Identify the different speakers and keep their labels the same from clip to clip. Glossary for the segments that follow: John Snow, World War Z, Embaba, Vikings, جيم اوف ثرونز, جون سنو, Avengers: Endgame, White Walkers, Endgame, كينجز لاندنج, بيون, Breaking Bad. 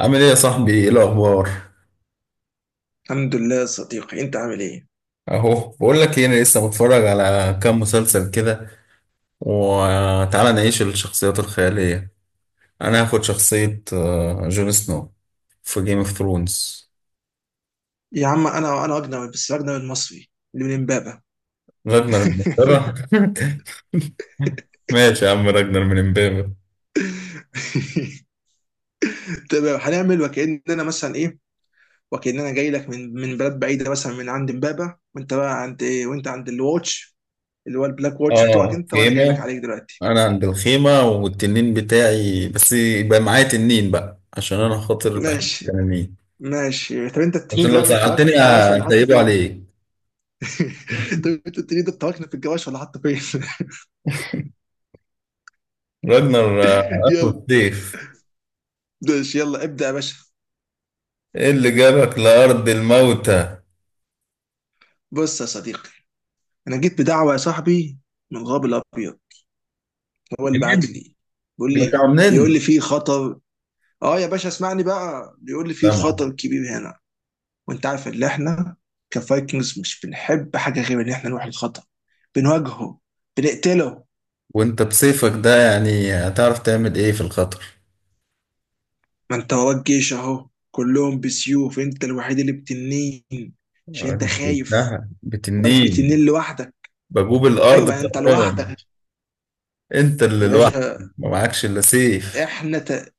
Speaker 1: عامل ايه يا صاحبي؟ ايه الاخبار؟
Speaker 2: الحمد لله يا صديقي، انت عامل ايه؟
Speaker 1: اهو بقول لك ايه، انا لسه متفرج على كام مسلسل كده. وتعالى نعيش الشخصيات الخياليه. انا هاخد شخصيه جون سنو في جيم اوف ثرونز.
Speaker 2: يا عم، انا اجنبي، بس اجنبي المصري اللي من امبابه.
Speaker 1: راجنر من امبابة. ماشي يا عم، راجنر من امبابة.
Speaker 2: تمام، هنعمل وكاننا مثلا ايه، وكاننا جاي لك من بلد بعيده، مثلا من عند امبابه. وانت بقى عند ايه؟ وانت عند الواتش اللي هو البلاك واتش بتوعك،
Speaker 1: اه،
Speaker 2: انت وانا جاي لك
Speaker 1: خيمه.
Speaker 2: عليك دلوقتي.
Speaker 1: انا عند الخيمه والتنين بتاعي، بس يبقى معايا تنين بقى عشان انا خاطر بحب
Speaker 2: ماشي،
Speaker 1: التنانين.
Speaker 2: ماشي.
Speaker 1: عشان لو
Speaker 2: طب انت تركنه
Speaker 1: زعلتني
Speaker 2: في الجواش ولا حاطه
Speaker 1: هسيبه
Speaker 2: فين؟
Speaker 1: عليك.
Speaker 2: طب انت التنين ده تركنه في الجواش ولا حاطه فين؟
Speaker 1: راجنر اخو
Speaker 2: يلا.
Speaker 1: السيف.
Speaker 2: ماشي، يلا ابدا يا باشا.
Speaker 1: ايه اللي جابك لأرض الموتى؟
Speaker 2: بص يا صديقي، انا جيت بدعوه يا صاحبي، من الغاب الابيض، هو اللي بعت
Speaker 1: منين؟
Speaker 2: لي، بيقول
Speaker 1: جبتها
Speaker 2: لي بيقول
Speaker 1: منين؟
Speaker 2: لي في خطر. اه يا باشا، اسمعني بقى، بيقول لي في
Speaker 1: طبعا.
Speaker 2: خطر كبير هنا. وانت عارف ان احنا كفايكنجز مش بنحب حاجه غير ان احنا نروح الخطر، بنواجهه، بنقتله.
Speaker 1: وانت بسيفك ده يعني هتعرف تعمل ايه في الخطر؟
Speaker 2: ما انت وراك جيش اهو كلهم بسيوف، انت الوحيد اللي بتنين، عشان انت
Speaker 1: انت
Speaker 2: خايف،
Speaker 1: قلتها
Speaker 2: واقف
Speaker 1: بتنين،
Speaker 2: بتنين لوحدك.
Speaker 1: بجوب
Speaker 2: ايوه
Speaker 1: الأرض.
Speaker 2: بقى، انت
Speaker 1: تمام.
Speaker 2: لوحدك.
Speaker 1: انت اللي
Speaker 2: يا
Speaker 1: لوحدك
Speaker 2: باشا،
Speaker 1: ما معكش الا سيف.
Speaker 2: احنا ت...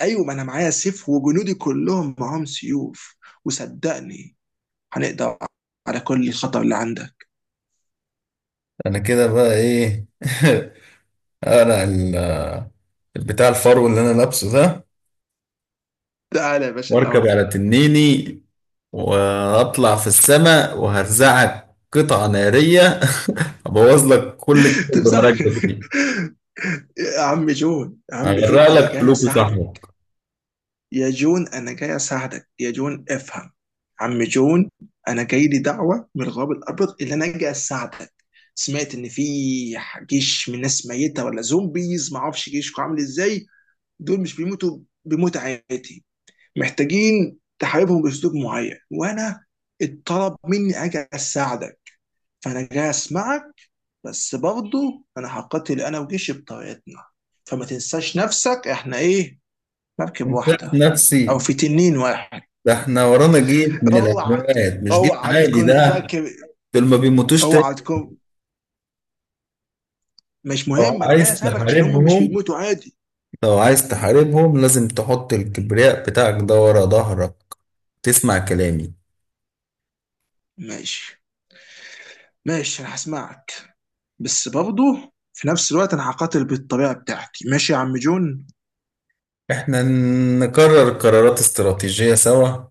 Speaker 2: ايوه، ما انا معايا سيف وجنودي كلهم معاهم سيوف، وصدقني، هنقضي على كل الخطر اللي عندك.
Speaker 1: انا كده بقى ايه؟ انا ال- البتاع الفرو اللي انا لابسه ده،
Speaker 2: تعالى يا باشا،
Speaker 1: واركب
Speaker 2: لا.
Speaker 1: على تنيني واطلع في السماء وهرزعك قطعة نارية. ابوظ لك كل جسم
Speaker 2: تمسح.
Speaker 1: بمراكبك دي.
Speaker 2: يا عم جون، يا عم جون،
Speaker 1: هغرق
Speaker 2: انا
Speaker 1: لك
Speaker 2: جاي
Speaker 1: فلوك
Speaker 2: اساعدك.
Speaker 1: وصحبك.
Speaker 2: يا جون، انا جاي اساعدك يا جون، افهم. عم جون، انا جاي لي دعوه من الغرب الابيض اللي انا جاي اساعدك. سمعت ان في جيش من ناس ميته، ولا زومبيز، ما اعرفش جيشكم عامل ازاي. دول مش بيموتوا، بموت عادي، محتاجين تحاربهم باسلوب معين، وانا اتطلب مني اجي اساعدك، فانا جاي اسمعك. بس برضه انا هقاتل انا وجيشي بطريقتنا، فما تنساش نفسك، احنا ايه؟ مركب
Speaker 1: انت
Speaker 2: واحده، او
Speaker 1: نفسي؟
Speaker 2: في تنين واحد.
Speaker 1: ده احنا ورانا جيش من
Speaker 2: اوعى
Speaker 1: الاموات، مش جيش
Speaker 2: اوعى
Speaker 1: عادي
Speaker 2: تكون
Speaker 1: ده.
Speaker 2: فاكر.
Speaker 1: دول ما بيموتوش تاني.
Speaker 2: اوعى تكون مش
Speaker 1: لو
Speaker 2: مهم، انا جاي
Speaker 1: عايز
Speaker 2: اساعدك عشان هم مش
Speaker 1: تحاربهم
Speaker 2: بيموتوا عادي.
Speaker 1: لو عايز تحاربهم لازم تحط الكبرياء بتاعك ده ورا ظهرك. تسمع كلامي.
Speaker 2: ماشي، ماشي، انا هسمعك. بس برضه في نفس الوقت انا هقاتل بالطريقه بتاعتي، ماشي يا عم جون؟
Speaker 1: احنا نقرر قرارات استراتيجية سوا،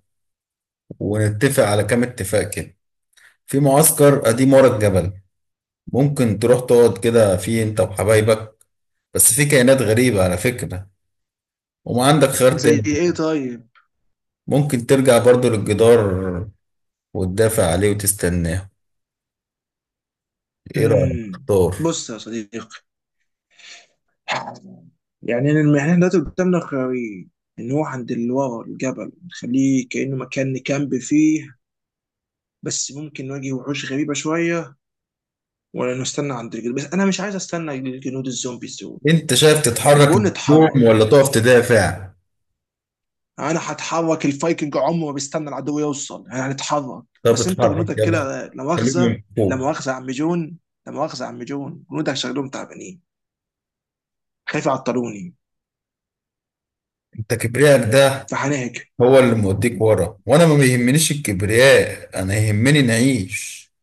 Speaker 1: ونتفق على كام اتفاق كده. في معسكر قديم ورا الجبل، ممكن تروح تقعد كده فيه انت وحبايبك. بس في كائنات غريبة على فكرة، وما عندك خيار
Speaker 2: زي
Speaker 1: تاني.
Speaker 2: ايه طيب؟
Speaker 1: ممكن ترجع برضو للجدار وتدافع عليه وتستناه. ايه رأيك؟
Speaker 2: امم
Speaker 1: اختار.
Speaker 2: بص يا صديقي، يعني إن احنا دلوقتي قدامنا خيارين: ان هو عند اللي ورا الجبل نخليه كأنه مكان نكامب فيه، بس ممكن نواجه وحوش غريبة شوية، ولا نستنى عند الجنود. بس انا مش عايز استنى الجنود الزومبيز دول.
Speaker 1: انت شايف
Speaker 2: انا
Speaker 1: تتحرك
Speaker 2: بقول نتحرك.
Speaker 1: الهجوم ولا تقف تدافع؟
Speaker 2: انا هتحرك، الفايكنج عمره ما بيستنى العدو يوصل، احنا هنتحرك.
Speaker 1: طب
Speaker 2: بس انت
Speaker 1: اتحرك،
Speaker 2: جنودك
Speaker 1: يلا.
Speaker 2: كده لا مؤاخذة،
Speaker 1: خليهم
Speaker 2: لا
Speaker 1: فوق.
Speaker 2: مؤاخذة يا عم جون، لا مؤاخذة يا عم جون، جنودك شكلهم تعبانين، خايف يعطلوني،
Speaker 1: انت كبريائك ده
Speaker 2: فهنهجم.
Speaker 1: هو اللي موديك ورا، وانا ما بيهمنيش الكبرياء، انا يهمني نعيش.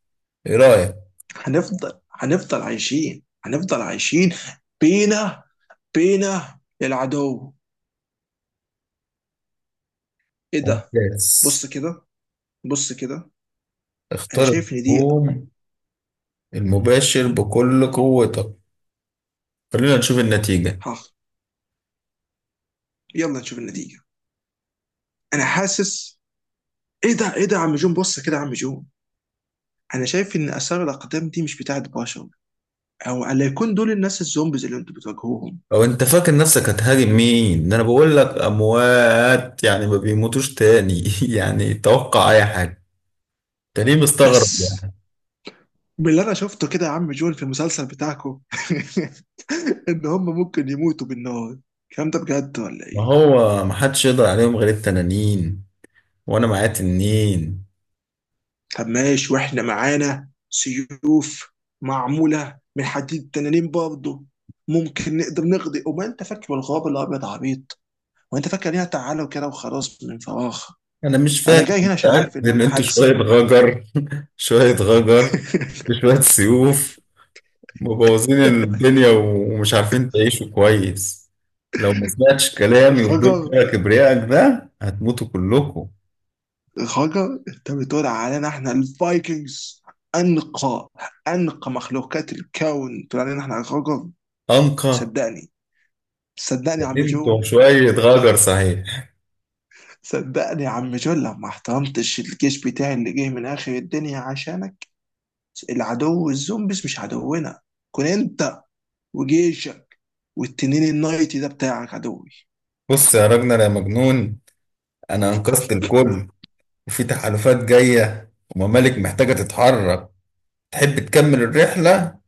Speaker 1: ايه رأيك؟
Speaker 2: هنفضل عايشين، هنفضل عايشين. بينا بينا العدو. ايه ده؟
Speaker 1: ممتاز.
Speaker 2: بص كده بص كده، انا
Speaker 1: اختار
Speaker 2: شايف ان دي.
Speaker 1: الهجوم المباشر بكل قوتك. خلينا نشوف النتيجة.
Speaker 2: ها، يلا نشوف النتيجه. انا حاسس. ايه ده يا عم جون، بص كده يا عم جون، انا شايف ان اثار الاقدام دي مش بتاعت بشر، او الا يكون دول الناس الزومبيز اللي انتوا بتواجهوهم.
Speaker 1: لو انت فاكر نفسك هتهاجم مين ده؟ انا بقول لك اموات، يعني ما بيموتوش تاني، يعني توقع اي حاجة. انت ليه مستغرب
Speaker 2: بس
Speaker 1: يعني؟
Speaker 2: باللي انا شفته كده يا عم جون في المسلسل بتاعكم، ان هم ممكن يموتوا بالنار، الكلام ده بجد ولا
Speaker 1: ما
Speaker 2: ايه؟
Speaker 1: هو ما حدش يقدر عليهم غير التنانين، وانا معايا تنين.
Speaker 2: طب ماشي، واحنا معانا سيوف معموله من حديد تنانين برضه، ممكن نقدر نقضي. وما انت فاكر الغاب الابيض عبيط، وانت فاكر ليها تعالى وكده وخلاص من فراغ.
Speaker 1: انا مش
Speaker 2: انا
Speaker 1: فاكر،
Speaker 2: جاي هنا عشان
Speaker 1: متأكد
Speaker 2: عارف ان
Speaker 1: ان
Speaker 2: انا
Speaker 1: انتوا
Speaker 2: هكسب.
Speaker 1: شوية غجر. شوية غجر بشوية سيوف مبوظين الدنيا ومش عارفين تعيشوا كويس. لو ما سمعتش كلامي وفضلت
Speaker 2: غجر،
Speaker 1: بقى كبريائك ده هتموتوا كلكم.
Speaker 2: غجر؟ انت بتقول علينا احنا الفايكنجز؟ انقى انقى مخلوقات الكون تقول علينا احنا غجر؟
Speaker 1: أنقى.
Speaker 2: صدقني صدقني يا عم جو.
Speaker 1: كبرتوا شوية غجر صحيح.
Speaker 2: صدقني يا عم جول، لو ما احترمتش الجيش بتاعي اللي جه من اخر الدنيا عشانك، العدو الزومبيز مش عدونا، كن انت وجيشك والتنين النايتي ده بتاعك عدوي.
Speaker 1: بص يا راجل يا مجنون، أنا أنقذت الكل، وفي تحالفات جاية وممالك محتاجة تتحرك. تحب تكمل الرحلة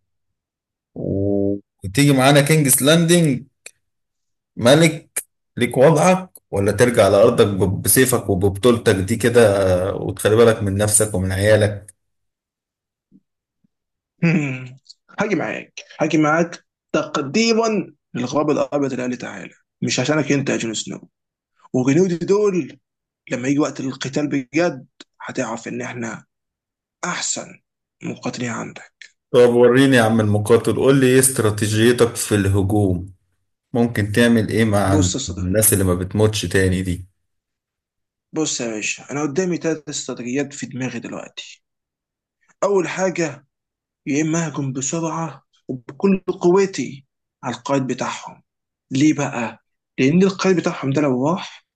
Speaker 1: و- وتيجي معانا كينجز لاندنج، ملك ليك وضعك؟ ولا ترجع لأرضك بسيفك وببطولتك دي كده، وتخلي بالك من نفسك ومن عيالك.
Speaker 2: هم. هاجي معاك، تقديما للغراب الابيض اللي قال لي تعالى، مش عشانك انت يا جون سنو. وجنودي دول لما يجي وقت القتال بجد، هتعرف ان احنا احسن مقاتلين عندك.
Speaker 1: طب وريني يا عم المقاتل، قول لي ايه استراتيجيتك في الهجوم؟ ممكن تعمل ايه مع
Speaker 2: بص يا صدى
Speaker 1: الناس اللي ما بتموتش تاني دي؟
Speaker 2: بص يا باشا، انا قدامي ثلاث استراتيجيات في دماغي دلوقتي. اول حاجه، يا اما اهجم بسرعه وبكل قوتي على القائد بتاعهم. ليه بقى؟ لان القائد بتاعهم ده لو راح،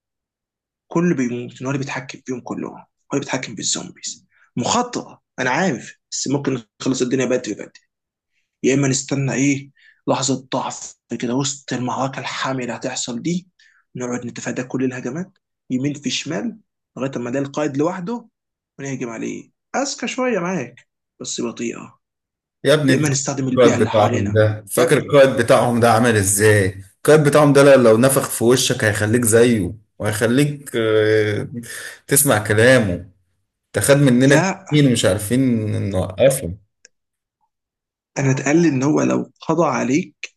Speaker 2: كله بيموت، إن هو اللي بيتحكم فيهم كلهم، هو اللي بيتحكم بالزومبيز. مخاطره انا عارف، بس ممكن نخلص الدنيا بدري بدري. يا اما نستنى ايه؟ لحظه ضعف، كده وسط المعركه الحاميه اللي هتحصل دي، نقعد نتفادى كل الهجمات يمين في شمال، لغايه ما ده القائد لوحده، ونهجم عليه. اذكى شويه معاك، بس بطيئه.
Speaker 1: يا ابني
Speaker 2: يا
Speaker 1: انت
Speaker 2: اما
Speaker 1: فاكر
Speaker 2: نستخدم البيئه
Speaker 1: القائد
Speaker 2: اللي
Speaker 1: بتاعهم
Speaker 2: حوالينا.
Speaker 1: ده؟
Speaker 2: يا
Speaker 1: فاكر
Speaker 2: ابني،
Speaker 1: القائد بتاعهم ده عمل ازاي؟ القائد بتاعهم ده لو نفخ في وشك هيخليك زيه، وهيخليك تسمع كلامه. ده خد مننا
Speaker 2: لا.
Speaker 1: كتير مش عارفين نوقفه.
Speaker 2: انا اتقال ان هو لو قضى عليك،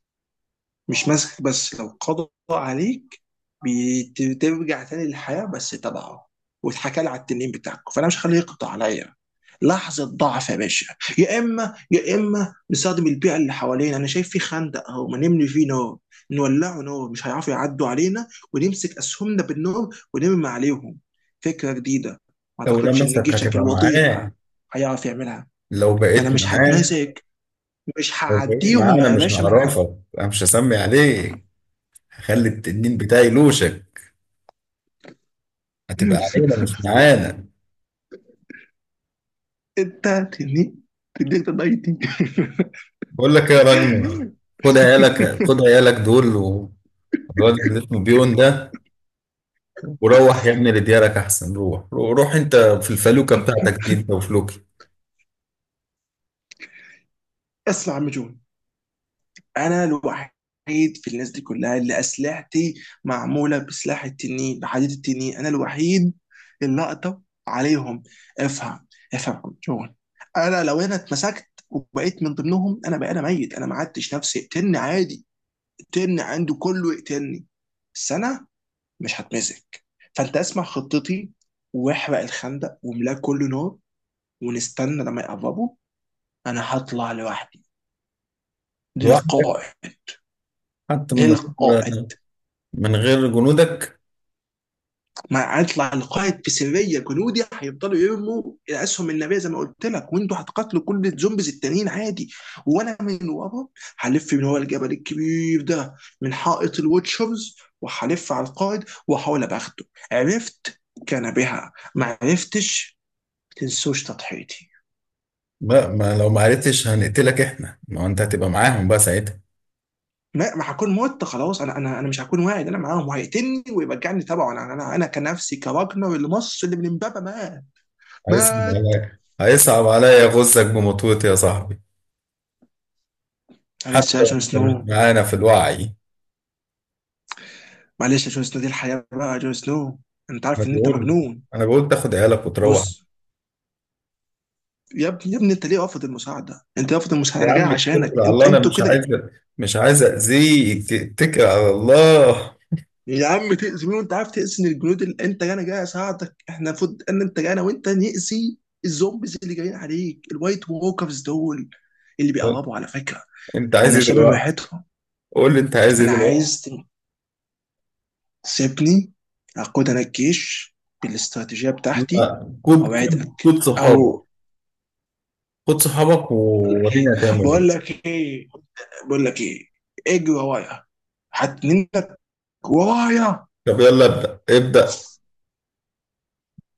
Speaker 2: مش ماسكك بس لو قضى عليك، بترجع تاني للحياه بس تبعه. واتحكى لي على التنين بتاعكم، فانا مش هخليه يقضى عليا. لحظه ضعف يا باشا. يا اما نستخدم البيئه اللي حوالينا، انا شايف في خندق اهو، ما نملي فيه نار، نولعه نار، مش هيعرفوا يعدوا علينا، ونمسك اسهمنا بالنار ونرمي عليهم. فكره جديده، ما
Speaker 1: لو
Speaker 2: اعتقدش ان
Speaker 1: لمسك
Speaker 2: جيشك
Speaker 1: هتبقى
Speaker 2: الوضيع
Speaker 1: معاه.
Speaker 2: هيعرف يعملها.
Speaker 1: لو
Speaker 2: ما انا
Speaker 1: بقيت
Speaker 2: مش
Speaker 1: معاه
Speaker 2: هتمازج، مش
Speaker 1: لو بقيت معاه
Speaker 2: هعديهم
Speaker 1: انا
Speaker 2: يا
Speaker 1: مش
Speaker 2: باشا، ما انا ه-
Speaker 1: هعرفك، انا مش هسمي عليك. هخلي التنين بتاعي يلوشك. هتبقى علينا مش معانا.
Speaker 2: انت تني تديك تضايقتي.
Speaker 1: بقول لك ايه يا راجل، خد عيالك دول والواد اللي اسمه بيون ده، وروح يا ابني لديارك احسن. روح روح انت في الفلوكه بتاعتك دي انت وفلوكي.
Speaker 2: اسمع يا عم جون، انا الوحيد في الناس دي كلها اللي اسلحتي معموله بسلاح التنين، بحديد التنين، انا الوحيد اللي اقدر عليهم. افهم، افهم يا عم جون. انا لو انا اتمسكت وبقيت من ضمنهم، انا بقى انا ميت، انا ما عدتش نفسي، اقتلني عادي، اقتلني، عنده كله يقتلني، بس انا مش هتمسك. فانت اسمع خطتي، واحرق الخندق واملاه كله نار، ونستنى لما يقربوا. انا هطلع لوحدي
Speaker 1: لوحدك؟
Speaker 2: للقائد،
Speaker 1: حتى
Speaker 2: للقائد.
Speaker 1: من غير جنودك.
Speaker 2: ما هطلع القائد في سريه، جنودي هيفضلوا يرموا الاسهم النبيه زي ما قلت لك، وانتوا هتقاتلوا كل الزومبيز التانيين عادي، وانا من ورا هلف من ورا الجبل الكبير ده، من حائط الوتشرز، وهلف على القائد واحاول ابقى اخده. عرفت كان بها، ما عرفتش تنسوش تضحيتي.
Speaker 1: لا ما لو ما عرفتش هنقتلك احنا، ما هو انت هتبقى معاهم بقى ساعتها.
Speaker 2: ما هكون مت خلاص. انا مش هكون واعي إن انا معاهم، وهيقتلني ويرجعني تبعه. انا كنفسي كراجنر اللي مص اللي من امبابه مات. مات.
Speaker 1: هيصعب عليا غزك بمطوتي يا صاحبي، حتى
Speaker 2: معلش يا
Speaker 1: لو
Speaker 2: جون
Speaker 1: أنت مش
Speaker 2: سنو،
Speaker 1: معانا في الوعي.
Speaker 2: معلش يا جون سنو، دي الحياه بقى يا جون سنو. انت
Speaker 1: انا
Speaker 2: عارف ان انت
Speaker 1: بقول
Speaker 2: مجنون.
Speaker 1: انا بقول تاخد عيالك وتروح.
Speaker 2: بص. يا ابني، يا ابني، انت ليه رافض المساعده؟ انت رافض المساعده،
Speaker 1: يا
Speaker 2: انا
Speaker 1: عم
Speaker 2: جاي
Speaker 1: اتكل
Speaker 2: عشانك
Speaker 1: على الله،
Speaker 2: انت.
Speaker 1: انا
Speaker 2: انتوا كده.
Speaker 1: مش عايز اذيك، اتكل على الله.
Speaker 2: يا عم، تاذي مين وانت عارف؟ تاذي الجنود اللي انت جاي، انا جاي اساعدك، احنا المفروض ان انت جاي انا وانت ناذي الزومبيز اللي جايين عليك، الوايت ووكرز دول اللي بيقربوا على فكره.
Speaker 1: انت عايز
Speaker 2: انا
Speaker 1: ايه
Speaker 2: شامم
Speaker 1: دلوقتي؟
Speaker 2: ريحتهم.
Speaker 1: قول لي انت عايز ايه
Speaker 2: انا
Speaker 1: دلوقتي.
Speaker 2: عايز تسيبني اقود انا الجيش بالاستراتيجيه
Speaker 1: لا،
Speaker 2: بتاعتي. اوعدك او.
Speaker 1: خد صحابك وورينا هتعمل
Speaker 2: بقول
Speaker 1: ايه.
Speaker 2: لك ايه بقول لك ايه اجري ورايا، هتنينك ورايا.
Speaker 1: طب يلا ابدا ابدا.